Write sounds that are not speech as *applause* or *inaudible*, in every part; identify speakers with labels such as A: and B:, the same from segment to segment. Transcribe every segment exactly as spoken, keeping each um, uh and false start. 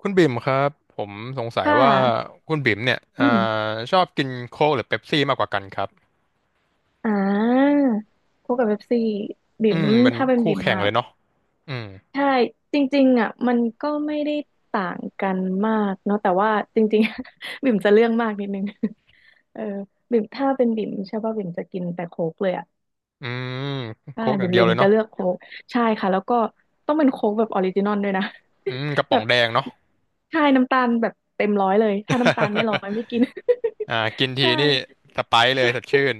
A: คุณบิ่มครับผมสงสัย
B: ค่
A: ว่า
B: ะ
A: คุณบิ่มเนี่ย
B: อื
A: อ่า
B: ม
A: ชอบกินโค้กหรือเป๊ปซี่มากกว่ากันครับ
B: อ่าพวกกับเว็บซี
A: อื
B: บิ่ม
A: มเป็น
B: ถ้าเป็น
A: คู่
B: บิ่ม
A: แข่ง
B: อ่ะ
A: เลยเนาะอืม
B: ใช่จริงๆอ่ะมันก็ไม่ได้ต่างกันมากเนาะแต่ว่าจริงๆ *laughs* บิ่มจะเรื่องมากนิดนึง *laughs* เออบิ่มถ้าเป็นบิ่มใช่ป่ะบิ่มจะกินแต่โค้กเลยอ่ะ
A: อืม
B: ใช่
A: โค้กอย่า
B: บิ่
A: ง
B: ม
A: เดียว
B: บิ่ม
A: เลย
B: จะ
A: เนาะ
B: เลือกโค้กใช่ค่ะแล้วก็ต้องเป็นโค้กแบบออริจินอลด้วยนะ
A: อืมกระ
B: *laughs*
A: ป๋
B: แบ
A: อง
B: บ
A: แดงเนาะ
B: ใช่น้ำตาลแบบเต็มร้อยเลยถ้าน้ำตาลไม่ร้อยไม่กิน
A: *laughs* อ่ากิน
B: *laughs*
A: ที
B: ใช่
A: นี่สไปร์เลยสดชื่น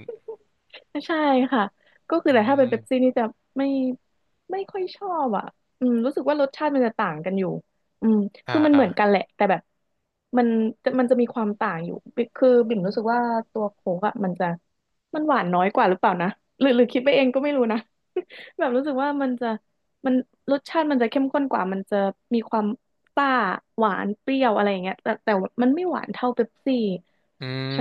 B: ใช่ค่ะก็คือ
A: อื
B: แต่ถ้าเป็น
A: ม
B: เป๊ปซี่นี่จะไม่ไม่ค่อยชอบอ่ะอืมรู้สึกว่ารสชาติมันจะต่างกันอยู่อืม
A: อ่า
B: คือมัน
A: อ่า
B: เหมือนกันแหละแต่แบบมันจะมันจะมีความต่างอยู่บิคือบิ่มรู้สึกว่าตัวโค้กอ่ะมันจะมันหวานน้อยกว่าหรือเปล่านะหรือหรือคิดไปเองก็ไม่รู้นะ *laughs* แบบรู้สึกว่ามันจะมันรสชาติมันจะเข้มข้นกว่ามันจะมีความซ่าหวานเปรี้ยวอะไรอย่างเงี้ยแต่แต่มันไม่หวานเท่าเป๊ปซี่
A: อืม
B: ใช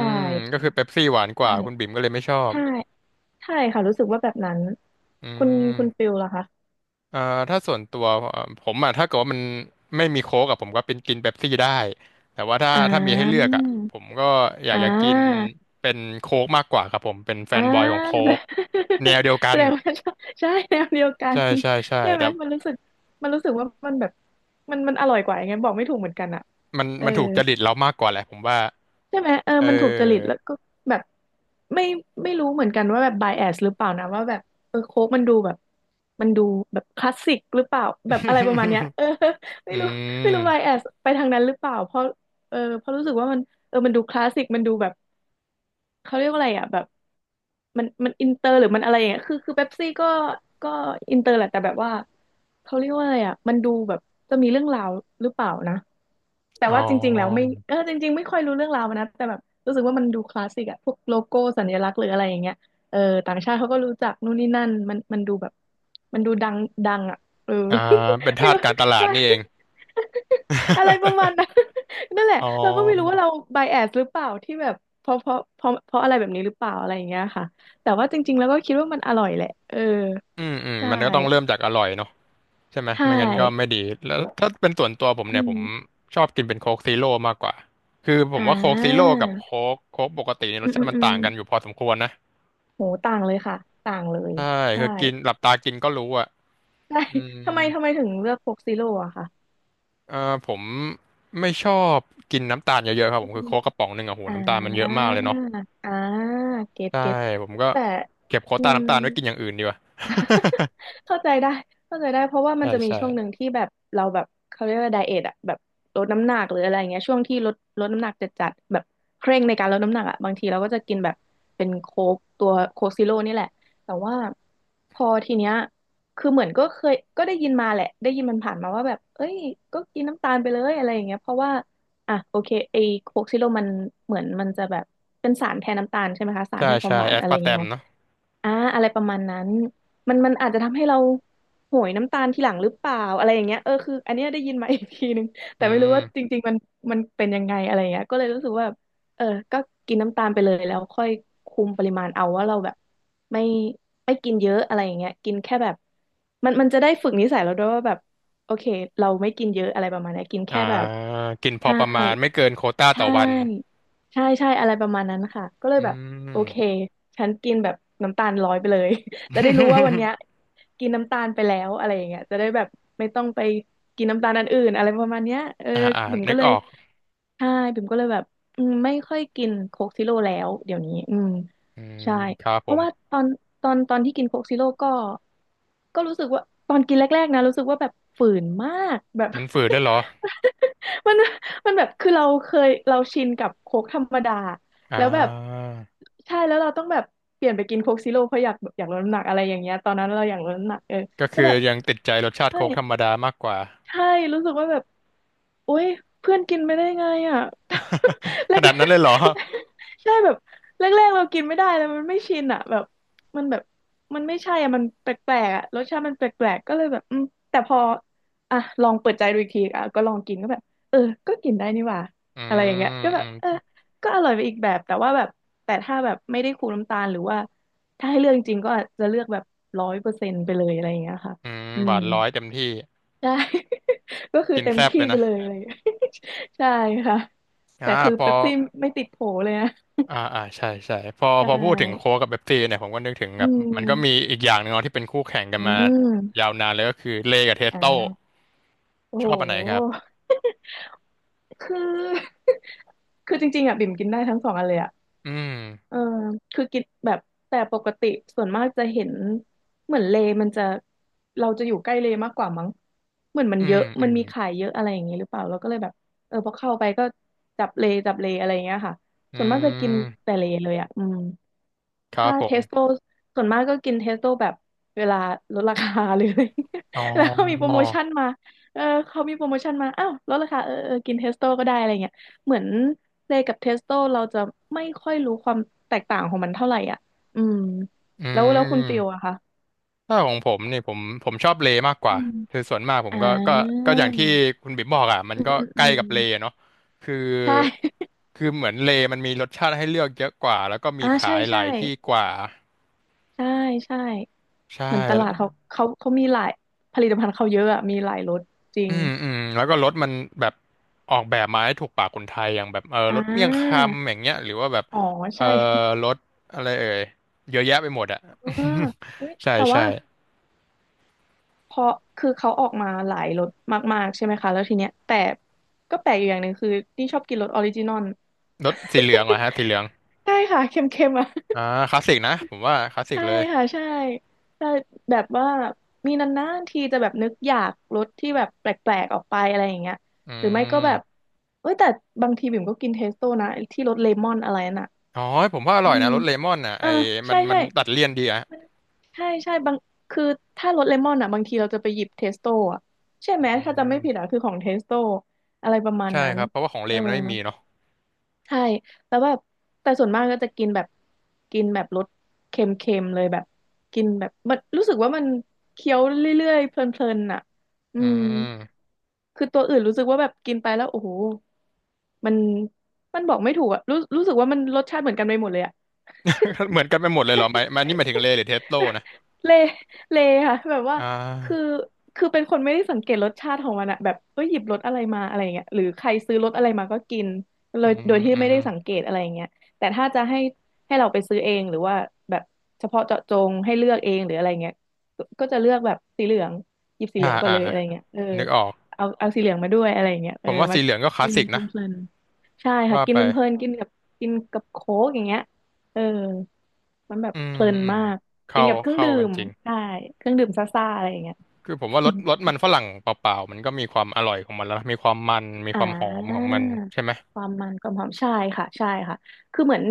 A: ก็
B: ่
A: คือเป๊ปซี่หวานก
B: ใช่
A: ว่าคุณบิ่มก็เลยไม่ชอบ
B: ใช่ ใช่ค่ะรู้สึกว่าแบบนั้น
A: อื
B: คุณคุณฟิ
A: ม
B: ลล่ะคะ
A: เอ่อถ้าส่วนตัวเอ่อผมอ่ะถ้าเกิดว่ามันไม่มีโค้กอะผมก็เป็นกินเป๊ปซี่ได้แต่ว่าถ้า
B: อ่
A: ถ้ามีให้เลือก
B: า
A: อ่ะผมก็อยา
B: อ่
A: กจะกิน
B: า
A: เป็นโค้กมากกว่าครับผมเป็นแฟ
B: อ่
A: นบอยของ
B: า
A: โค้กแนว
B: *laughs*
A: เดียวกั
B: แส
A: น
B: ดงว่าใช่ใช่แนวเดียวกัน
A: ใช่ใช่ใช่
B: ใช่ไหม
A: แต่
B: มันรู้สึกมันรู้สึกว่ามันแบบมันมันอร่อยกว่ายังไงบอกไม่ถูกเหมือนกันอ่ะ
A: มัน
B: เออ
A: มันถูกจริตเรามากกว่าแหละผมว่า
B: ใช่ไหมเออ
A: เ
B: มันถูกจริต
A: ออ
B: แล้วก็แบบไม่ไม่รู้เหมือนกันว่าแบบ bias หรือเปล่านะว่าแบบเออโค้กมันดูแบบมันดูแบบคลาสสิกหรือเปล่าแบบอะไรประมาณเนี้ย
A: *laughs*
B: เออ *laughs* ไม่
A: อื
B: รู้
A: ม
B: ไม่รู้ bias ไปทางนั้นหรือเปล่าเพราะเออเพราะรู้สึกว่ามันเออมันดูคลาสสิกมันดูแบบ เขาเรียกว่าอะไรอ่ะแบบมันมันอินเตอร์หรือมันอะไรอย่างเงี้ยคือคือเป๊ปซี่ก็ก็อินเตอร์แหละแต่แบบว่าเขาเรียกว่าอะไรอ่ะมันดูแบบจะมีเรื่องราวหรือเปล่านะแต่
A: อ๋อ
B: ว่าจริงๆแล้วไม่เออจริงๆไม่ค่อยรู้เรื่องราวมันนะแต่แบบรู้สึกว่ามันดูคลาสสิกอะพวกโลโก้สัญลักษณ์หรืออะไรอย่างเงี้ยเออต่างชาติเขาก็รู้จักนู่นนี่นั่นมันมันดูแบบมันดูดังดังอ่ะเออ
A: อ่าเป็น
B: *laughs* ไม่
A: ทาส
B: รู้
A: การตลาด
B: ใช่
A: นี่เอง
B: *laughs* อะไรประมาณนั้น นั่นแหละ
A: อ๋อ
B: เราก็ไม่รู้ว่าเรา bias หรือเปล่าที่แบบเพราะเพราะเพราะเพราะอะไรแบบนี้หรือเปล่าอะไรอย่างเงี้ยค่ะแต่ว่าจริงๆแล้วก็คิดว่ามันอร่อยแหละเออ
A: อืมอืม
B: ใช่
A: มันก็ต้องเริ่มจากอร่อยเนาะ ใช่ไหม
B: ใช่
A: ไม่งั้นก็ไม่ดีแล้วถ้าเป็นส่วนตัวผม
B: อื
A: เนี่ยผม
B: ม
A: ชอบกินเป็นโค้กซีโร่มากกว่าคือผ
B: อ่
A: มว่าโค้กซีโร่
B: า
A: กับโค้กโค้กปกติเนี่ย
B: อื
A: รส
B: ม
A: ชา
B: อืม
A: ติมัน
B: อืม
A: ต่างกันอยู่พอสมควรนะ
B: โหต่างเลยค่ะต่างเลย
A: ใช่
B: ใช่
A: คือกินหลับตากินก็รู้อ่ะ
B: ใช่
A: อืม
B: ทำไมทำไมถึงเลือกโคกซีโร่อะค่ะ
A: เอ่อผมไม่ชอบกินน้ำตาลเยอะๆครับ
B: อื
A: ผมคือ
B: ม
A: โค้กกระป๋องหนึ่งอะโห
B: อ่
A: น้ำตาลมันเยอะ
B: า
A: มากเลยเนาะ
B: อ่าเก็ต
A: ใช่
B: เก็ต
A: ผมก็
B: แต่
A: เก็บโค้ก
B: อื
A: ตา
B: ม
A: น้ำตาลไว้กินอย่างอื่นดีกว่า
B: *laughs* เข้าใจได้เข้าใจได้เพราะว่า
A: *laughs*
B: มั
A: ใช่
B: นจะมี
A: ใช่
B: ช่วงหนึ่งที่แบบเราแบบเขาเรียกว่าไดเอทอะแบบลดน้ำหนักหรืออะไรเงี้ยช่วงที่ลดลดน้ำหนักจัดจัดแบบเคร่งในการลดน้ำหนักอะบางทีเราก็จะกินแบบเป็นโค้กตัวโค้กซีโร่นี่แหละแต่ว่าพอทีเนี้ยคือเหมือนก็เคยก็ได้ยินมาแหละได้ยินมันผ่านมาว่าแบบเอ้ยก็กินน้ำตาลไปเลยอะไรอย่างเงี้ยเพราะว่าอ่ะโอเคไอโค้กซีโร่มันเหมือนมันจะแบบเป็นสารแทนน้ำตาลใช่ไหมคะสาร
A: ใช่
B: ให้ความ
A: ใช่
B: หวา
A: แอ
B: น
A: ส
B: อะไร
A: ปา
B: อ
A: ร์
B: ย่าง
A: แต
B: งี้
A: ม
B: ไหม
A: เนาะ
B: อ่าอะไรประมาณนั้นมันมันอาจจะทำให้เราโหยน้ำตาลทีหลังหรือเปล่าอะไรอย่างเงี้ยเออคืออันเนี้ยได้ยินมา *laughs* อีกทีนึงแต่
A: อื
B: ไม่รู้ว่าจ
A: ม
B: ริงๆมันมันเป็นยังไงอะไรอย่างเงี้ยก็เลยรู้สึกว่าเออก็กินน้ำตาลไปเลยแล้วค่อยคุมปริมาณเอาว่าเราแบบไม่ไม่กินเยอะอะไรอย่างเงี้ยกินแค่แบบมันมันจะได้ฝึกนิสัยเราด้วยว่าแบบโอเคเราไม่กินเยอะอะไรประมาณเนี้ยกิน
A: อ่า
B: แค่แบบ
A: กินพอ
B: ใช่
A: ประมาณไม่เกินโควต้า
B: ใช
A: ต่อวัน
B: ่ใช่ใช่อะไรประมาณนั้นค่ะ ก็เลย
A: อื
B: แบบโอ
A: ม
B: เค ฉันกินแบบน้ำตาลร้อยไปเลย *laughs* จะได้รู้ว่าวันเนี้ย
A: *laughs*
B: กินน้ำตาลไปแล้วอะไรอย่างเงี้ยจะได้แบบไม่ต้องไปกินน้ำตาลอันอื่นอะไรประมาณเนี้ยเออ
A: อ่าอ่า
B: บิ่ม
A: นึ
B: ก็
A: ก
B: เล
A: อ
B: ย
A: อก
B: ใช่บิ่มก็เลยแบบอืมไม่ค่อยกินโค้กซิโร่แล้วเดี๋ยวนี้อืม
A: อืม
B: ใช่
A: ครับ
B: เพ
A: ผ
B: ราะ
A: ม
B: ว่าตอนตอนตอนที่กินโค้กซิโร่ก็ก็รู้สึกว่าตอนกินแรกๆนะรู้สึกว่าแบบฝืนมากแบบ
A: มันฝืดได้วยเหรอ
B: *laughs* มันมันแบบคือเราเคยเราชินกับโค้กธรรมดา
A: อ่
B: แล้วแบบ
A: า
B: ใช่แล้วเราต้องแบบเปลี่ยนไปกินโค้กซิโร่เพราะอยากอยากลดน้ำหนักอะไรอย่างเงี้ยตอนนั้นเราอยากลดน้ำหนักเออ
A: ก็
B: ก็
A: คือ
B: แบบ
A: ยังติดใจรสชาติ
B: ใช่
A: โค้กธรรมดามากกว่า
B: ใช่รู้สึกว่าแบบโอ๊ยเพื่อนกินไม่ได้ไงอ่ะ *laughs* แร
A: *laughs* ข
B: ก
A: นาดนั้นเลยเหรอ
B: *laughs* ๆใช่แบบแรกๆเรากินไม่ได้แล้วมันไม่ชินอ่ะแบบมันแบบมันไม่ใช่อ่ะมันแปลกๆอ่ะรสชาติมันแปลกๆก็เลยแบบอืมแต่พออ่ะลองเปิดใจดูอีกทีอ่ะก็ลองกินก็แบบเออก็กินได้นี่หว่า
A: อื
B: อะไรอย่างเงี้ย
A: ม
B: ก็แบ
A: อื
B: บเออ
A: ม
B: ก็อร่อยไปอีกแบบแต่ว่าแบบแต่ถ้าแบบไม่ได้คูน้ำตาลหรือว่าถ้าให้เลือกจริงๆก็อาจจะเลือกแบบร้อยเปอร์เซ็นต์ไปเลยอะไรอย่างเงี้ยค่ะ
A: อืม
B: อื
A: หวา
B: ม
A: นร้อยเต็มที่
B: ใช่ *laughs* ก็คือ
A: กิน
B: เต็ม
A: แซ่บ
B: ที่
A: เลย
B: ไป
A: นะ
B: เลยอะไรอย่างเลย *laughs* ใช่ค่ะ แต่
A: อ่า
B: คือ
A: พอ
B: เป๊ปซี่ไม่ติดโผเลยนะ
A: อ่าอ่าใช่ใช่พอ
B: ใช
A: พอพูดถึงโค้
B: ่
A: กกับเบ๊ปซี่เนี่ยผมก็นึกถึง
B: อื
A: แบบมันก็มี
B: ม
A: อีกอย่างหนึ่งเนาะที่เป็นคู่แข่งกัน
B: อื
A: มายา
B: ม
A: วนานเลยก็คือเลกับเทส
B: อ่
A: โต้
B: าโอ้
A: ชอบอันไหนครับ
B: โหคือ *laughs* คือจริงๆอ่ะบิ่มกินได้ทั้งสองอันเลยอ่ะ
A: อืม
B: เออคือกินแบบแต่ปกติส่วนมากจะเห็นเหมือนเลมันจะเราจะอยู่ใกล้เลมากกว่ามั้งเหมือนมัน
A: อื
B: เย
A: ม
B: อะ
A: อื
B: มัน
A: ม
B: มีขายเยอะอะไรอย่างนี้หรือเปล่าเราก็เลยแบบเออพอเข้าไปก็จับเลจับเลอะไรอย่างเงี้ยค่ะ
A: อื
B: ส่วนมากจะกิน
A: ม
B: แต่เลเลยอ่ะอืม
A: ครั
B: ถ้า
A: บผ
B: เทสโต
A: ม
B: ส่วนมากก็กินเทสโตแบบเวลาลดราคาหรืออะไร *laughs* เงี้ย
A: อ๋อ
B: แล้วเขามีโปรโมชั่นมาเออเขามีโปรโมชั่นมาอ้าวลดราคาเออเออกินเทสโตก็ได้อะไรเงี้ยเหมือนเลยกับเทสโตเราจะไม่ค่อยรู้ความแตกต่างของมันเท่าไหร่อ่ะอืม
A: อื
B: แล้วแล้วคุณฟิล
A: ม
B: อะคะ
A: ถ้าของผมนี่ผมผมชอบเลมากก
B: อื
A: ว่า
B: ม
A: คือส่วนมากผม
B: อ่า
A: ก็ก็ก็อย่างที่คุณบิ๊มบอกอ่ะมัน
B: อืม
A: ก็
B: อืม
A: ใก
B: อื
A: ล้
B: ม
A: กับเลเนาะคือ
B: ใช่
A: คือเหมือนเลมันมีรสชาติให้เลือกเยอะกว่าแล้วก็มี
B: อ่า
A: ขา
B: ใช่
A: ยห
B: ใช่
A: ลายที่กว่า
B: ใช่ใช่
A: ใช่
B: เหมือนตลาดเขาเขาเขามีหลายผลิตภัณฑ์เขาเยอะอะมีหลายรสจริ
A: อื
B: ง
A: มอืมแล้วก็รถมันแบบออกแบบมาให้ถูกปากคนไทยอย่างแบบเออ
B: อ่
A: รสเมี่ยงคำอ
B: า
A: ย่างเงี้ยหรือว่าแบบ
B: อ๋อ
A: เออ
B: ใช่
A: รสอะไรเอ่ยเยอะแยะไปหมดอ่ะ
B: *laughs* อ่าอุ๊ย
A: *laughs* ใช่
B: แต่
A: ใช่
B: ว่าพอคือเขาออกมาหลายรสมากๆใช่ไหมคะแล้วทีเนี้ยแต่ก็แปลกอยู่อย่างหนึ่งคือนี่ชอบกินรสออริจินอล *laughs*
A: รสสีเหลืองเหรอฮะสีเหลือง
B: ใช่ค่ะเค็มๆอ่ะ
A: อ่าคลาสสิกนะผมว่า
B: *laughs*
A: คลาสสิก
B: ใช่
A: เลย
B: ค่ะใช่แต่แบบว่ามีนานๆทีจะแบบนึกอยากรสที่แบบแปลกๆออกไปอะไรอย่างเงี้ย
A: อื
B: หรือไม่ก็แบบ
A: ม
B: เอ้ยแต่บางทีบิ่มก็กินเทสโต้นะไอ้ที่รสเลมอนอะไรน่ะ
A: อ๋อผมว่าอ
B: อื
A: ร่อย
B: ม
A: นะรสเลมอนน่ะ
B: เอ
A: ไอ้
B: อ
A: มั
B: ใช่
A: นมั
B: ใช่
A: นตัดเลี่ยนดีอะ
B: ใช่ใช่บางคือถ้ารสเลมอนอ่ะบางทีเราจะไปหยิบเทสโต้อ่ะใช่
A: อื
B: ไหมถ้าจำไม่
A: ม
B: ผิดอ่ะคือของเทสโต้อะไรประมาณ
A: ใช่
B: นั้น
A: ครับเพราะว่าของเล
B: เออ
A: มันไม่มีเนาะ
B: ใช่แล้วแบบแต่ส่วนมากก็จะกินแบบกินแบบรสเค็มๆเลยแบบกินแบบมันรู้สึกว่ามันเคี้ยวเรื่อยๆเพลินๆอ่ะอื
A: อื
B: ม
A: ม
B: คือตัวอื่นรู้สึกว่าแบบกินไปแล้วโอ้โหมันมันบอกไม่ถูกอ่ะรู้รู้สึกว่ามันรสชาติเหมือนกันไปหมดเลยอ่ะ
A: *laughs* เหมือนกันไปหมดเลยเหรอหมายหมันนี่หมายถึงเล
B: *laughs*
A: หรือเทสโล
B: *laughs*
A: นะ
B: เละเละค่ะแบบว่า
A: อ่
B: คือ
A: า
B: คือเป็นคนไม่ได้สังเกตรสชาติของมันอะแบบเอ้ยหยิบรสอะไรมาอะไรเงี้ยหรือใครซื้อรสอะไรมาก็กินเล
A: อื
B: ยโด
A: ม
B: ยที่
A: อื
B: ไม่
A: ม
B: ได้สังเกตอะไรเงี้ยแต่ถ้าจะให้ให้เราไปซื้อเองหรือว่าแบบเฉพาะเจาะจงให้เลือกเองหรืออะไรเงี้ยก็ก็จะเลือกแบบสีเหลืองหยิบสีเห
A: อ่า
B: ลืองก่อน
A: อ่า
B: เลยอะไรเงี้ยเออ
A: นึกออก
B: เอาเอาสีเหลืองมาด้วยอะไรเงี้ย
A: ผ
B: เออ
A: มว่า
B: มา
A: สีเหลืองก็คลา
B: กิ
A: ส
B: น
A: สิก
B: เพ
A: นะ
B: ลินๆใช่ค่ะ
A: ว่า
B: กิน
A: ไป
B: เพลินๆกินกับกินกับโค้กอย่างเงี้ยเออมันแบบ
A: อืม
B: เพลิน
A: อืม
B: มาก กิ
A: เข้า
B: นกับเครื่อง
A: เข้า
B: ดื่
A: กัน
B: ม
A: จริง
B: ได้เครื่องดื่มซ่าๆอะไรอย่างเงี้ย
A: คือผมว่ารสรสมันฝรั่งเปล่าๆมันก็มีความอร่อยของมันแล้วนะมีความมันมี
B: อ่
A: ความหอมของ
B: า
A: มันใช่ไหม
B: ความมันความหอมใช่ค่ะใช่ค่ะคือเหมือน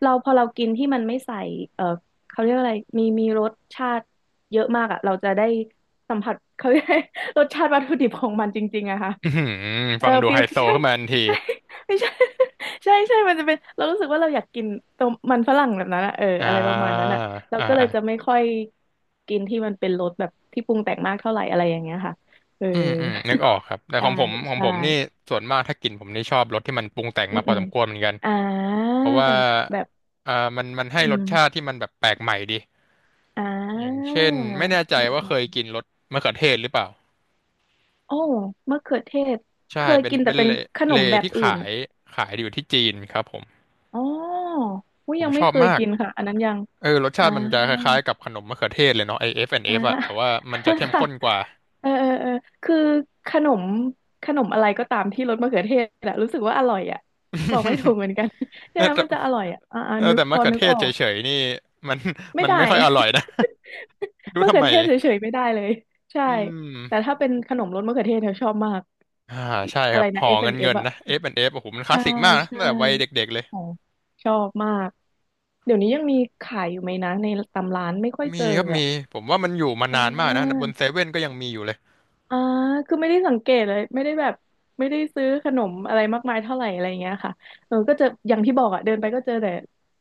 B: เราพอเรากินที่มันไม่ใส่เออเขาเรียกว่าอะไรมีมีรสชาติเยอะมากอ่ะเราจะได้สัมผัสเขาเรียก *laughs* รสชาติวัตถุดิบของมันจริงๆอะค่ะ
A: อื้อหือ
B: เออ
A: ฟังดู
B: ฟิ
A: ไฮ
B: ว
A: โซ
B: ใช่
A: ขึ้นมาทันที
B: ใช่ไม่ใช่ *laughs* ใช่ใช่มันจะเป็นเรารู้สึกว่าเราอยากกินต้มมันฝรั่งแบบนั้นอะเออ
A: อ่า
B: อะไรประมาณนั้
A: อ่า
B: นอะเรา
A: อ่า
B: ก็เลยจะไม่ค่อยกินที่มันเป็นรสแบบที่ปรุงแต่งมากเท่าไหร่อะไรอย่างเงี้ยค่ะเออ
A: อืมอืมนึกออกค
B: *laughs*
A: รับแต่ข
B: ใช่
A: องผมของผ
B: ใช่
A: มนี่ส่วนมากถ้ากินผมนี่ชอบรสที่มันปรุงแต่ง
B: อื
A: มา
B: ม
A: พอ
B: อื
A: ส
B: ม
A: มควรเหมือนกัน
B: อ่า
A: เพราะว่า
B: แบบ
A: อ่ามันมันให้
B: อื
A: รส
B: ม
A: ชาติที่มันแบบแปลกใหม่ดี
B: อ่
A: อย่าง
B: า
A: เช่นไม่แน่ใจ
B: อืม
A: ว่า
B: อื
A: เคย
B: ม
A: กินรสมะเขือเทศหรือเปล่า
B: โอ้มะเขือเทศ
A: ใช่
B: เคย
A: เป็น
B: กินแต่
A: เป็น
B: เป็น
A: เล
B: ขน
A: เล
B: มแบบ
A: ที่ขา
B: อื่น
A: ยขายอยู่ที่จีนครับผม
B: อ๋ออุ้ย
A: ผม
B: ยัง
A: ช
B: ไม่
A: อบ
B: เคย
A: มาก
B: กินค่ะอันนั้นยัง
A: เออรสชา
B: อ่า
A: ติมันจะคล้ายๆกับขนมมะเขือเทศเลยเนาะไอเอฟแอนด์เอ
B: อ่า
A: ฟอะแต่ว่ามันจะเข้
B: *laughs*
A: ม
B: ค่ะ
A: ข้นกว่า
B: เออเออเออคือขนมขนมอะไรก็ตามที่รสมะเขือเทศอะรู้สึกว่าอร่อยอะบอกไม่ถูกเหมือนกัน *laughs*
A: *laughs*
B: ใช่ไหม
A: แต่
B: มันจะอร่อยอะอ่าอ่า
A: เออ
B: นึก
A: แต่
B: พ
A: มะ
B: อ
A: เขือ
B: นึก
A: เท
B: อ
A: ศ
B: อก
A: เฉยๆนี่มัน
B: ไม่
A: มัน
B: ได้
A: ไม่ค่อยอร่อยนะ *laughs*
B: *laughs*
A: รู้
B: มะ
A: ทำ
B: เขือ
A: ไม
B: เทศเฉยๆไม่ได้เลยใช่
A: อื
B: แต่
A: ม
B: ถ้าเป็นขนมรสมะเขือเทศเธอชอบมาก
A: อ่า
B: อิ
A: ใช่ค
B: อะไร
A: รับห
B: นะ
A: อเงินเงิ
B: เอฟ แอนด์ เอฟ
A: น
B: อฟแอนด์
A: นะ
B: เอฟอะ
A: F and F โอ้โหมันคลาส
B: ใช่
A: สิกมากนะ
B: ใช่
A: ตั้งแต่วัยเด็กๆเลย
B: โอ้ชอบมากเดี๋ยวนี้ยังมีขายอยู่ไหมนะในตามร้านไม่ค่อยเจ
A: มี
B: อ
A: ครับ
B: อะ
A: มีผมว่ามันอยู่มา
B: อ่
A: นานมากนะบนเซ
B: า
A: เว่นก็ยังมีอยู่เลย
B: อ่าคือไม่ได้สังเกตเลยไม่ได้แบบไม่ได้ซื้อขนมอะไรมากมายเท่าไหร่อะไรอย่างเงี้ยค่ะเออก็จะอย่างที่บอกอ่ะเดินไปก็เจอแต่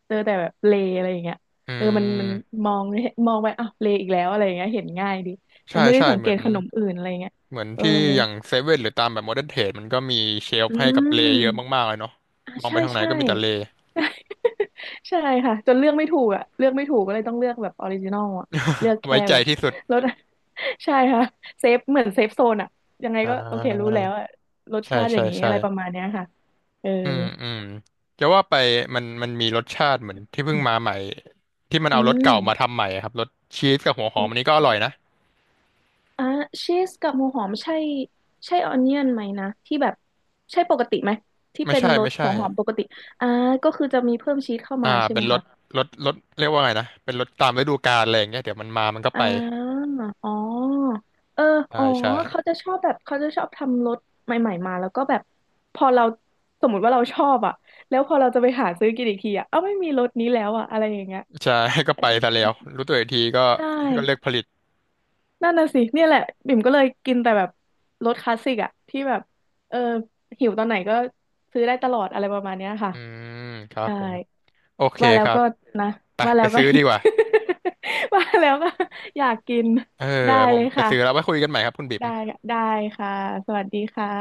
B: เจอแต่แบบเลอะไรอย่างเงี้ย
A: อื
B: เออมันมัน
A: ม
B: มองมองไปอ้าวเลอีกแล้วอะไรอย่างเงี้ยเห็นง่ายดีเออ
A: ใช่
B: ไม่ได้
A: ใช่
B: สัง
A: เห
B: เก
A: มือ
B: ต
A: น
B: ขนมอื่นอะไรอย่างเงี้ย
A: เหมือน
B: เออ
A: ที่อย่างเซเว่นหรือตามแบบโมเดิร์นเทรดมันก็มีเชล
B: อื
A: ฟ์ให้กับเลเยอะ
B: ม
A: มากๆเลยเนาะ
B: อ่า
A: มองไป
B: ใช่
A: ทางไหน
B: ใช่
A: ก็มีแต่เล
B: ใช่ค่ะจนเลือกไม่ถูกอ่ะเลือกไม่ถูกก็เลยต้องเลือกแบบออริจินอลอ่ะเลือก
A: ไว้
B: แค่
A: ใจ
B: แบบ
A: ที่สุด
B: รส *laughs* ใช่ค่ะเซฟเหมือนเซฟโซนอ่ะยังไง
A: อ่า
B: ก็โอเครู้แล้วอ่ะรส
A: ใช่
B: ชาติอ
A: ใช่
B: ย่างนี้
A: ใช่
B: อะไรประมาณเนี้ยค่ะเออ
A: อืมอืมจะว่าไปมันมันมีรสชาติเหมือนที่เพิ่งมาใหม่ที่มัน
B: อื
A: เอารสเก่ามา
B: ม
A: ทำใหม่อะครับรสชีสกับหัวห
B: ร
A: อม
B: ส
A: อันนี้ก็อ
B: เก่า
A: ร่อยนะ
B: อ่ะชีสกับหัวหอมใช่ใช่ออนเนียนไหมนะที่แบบใช่ปกติไหมที่
A: ไม่
B: เป็น
A: ใช่
B: รส
A: ไม่ใช่
B: หัวหอมปกติอ่าก็คือจะมีเพิ่มชีสเข้ามา
A: อ่า
B: ใช่ไห
A: เป็
B: ม
A: นร
B: คะ
A: ถรถรถเรียกว่าไงนะเป็นรถตามฤดูกาลอะไรอย่างเงี้ยเดี๋ยวมันมามันก็
B: อ
A: ไป
B: ่าอ๋อเออ
A: ใช่
B: อ๋อ
A: ใช่
B: เขาจะชอบแบบเขาจะชอบทำรถใหม่ๆมาแล้วก็แบบพอเราสมมติว่าเราชอบอ่ะแล้วพอเราจะไปหาซื้อกินอีกทีอ่ะเอ้าไม่มีรถนี้แล้วอ่ะอะไรอย่างเงี้ย
A: ใช่ *laughs* ก็ไปซะแล้
B: มั
A: ว
B: น
A: รู้ตัวอีกทีก็
B: ใช่
A: ก็เลิกผลิต
B: นั่นน่ะสิเนี่ยแหละบิ่มก็เลยกินแต่แบบรถคลาสสิกอ่ะที่แบบเออหิวตอนไหนก็ซื้อได้ตลอดอะไรประมาณเนี้ยค่ะ
A: อืมครับ
B: ใช่
A: ผมโอเค
B: ว่าแล้
A: ค
B: ว
A: รั
B: ก็
A: บ
B: นะ
A: ไป
B: ว่าแล้
A: ไป
B: วก็
A: ซื้อดีกว่า
B: *laughs* ว่าแล้วก็อยากกิน
A: เออ
B: ได้
A: ผ
B: เล
A: ม
B: ย
A: ไป
B: ค่ะ
A: ซื้อแล้วไว้คุยกันใหม่ครับคุณบิ๊ม
B: ได้ได้ค่ะ สวัสดีค่ะ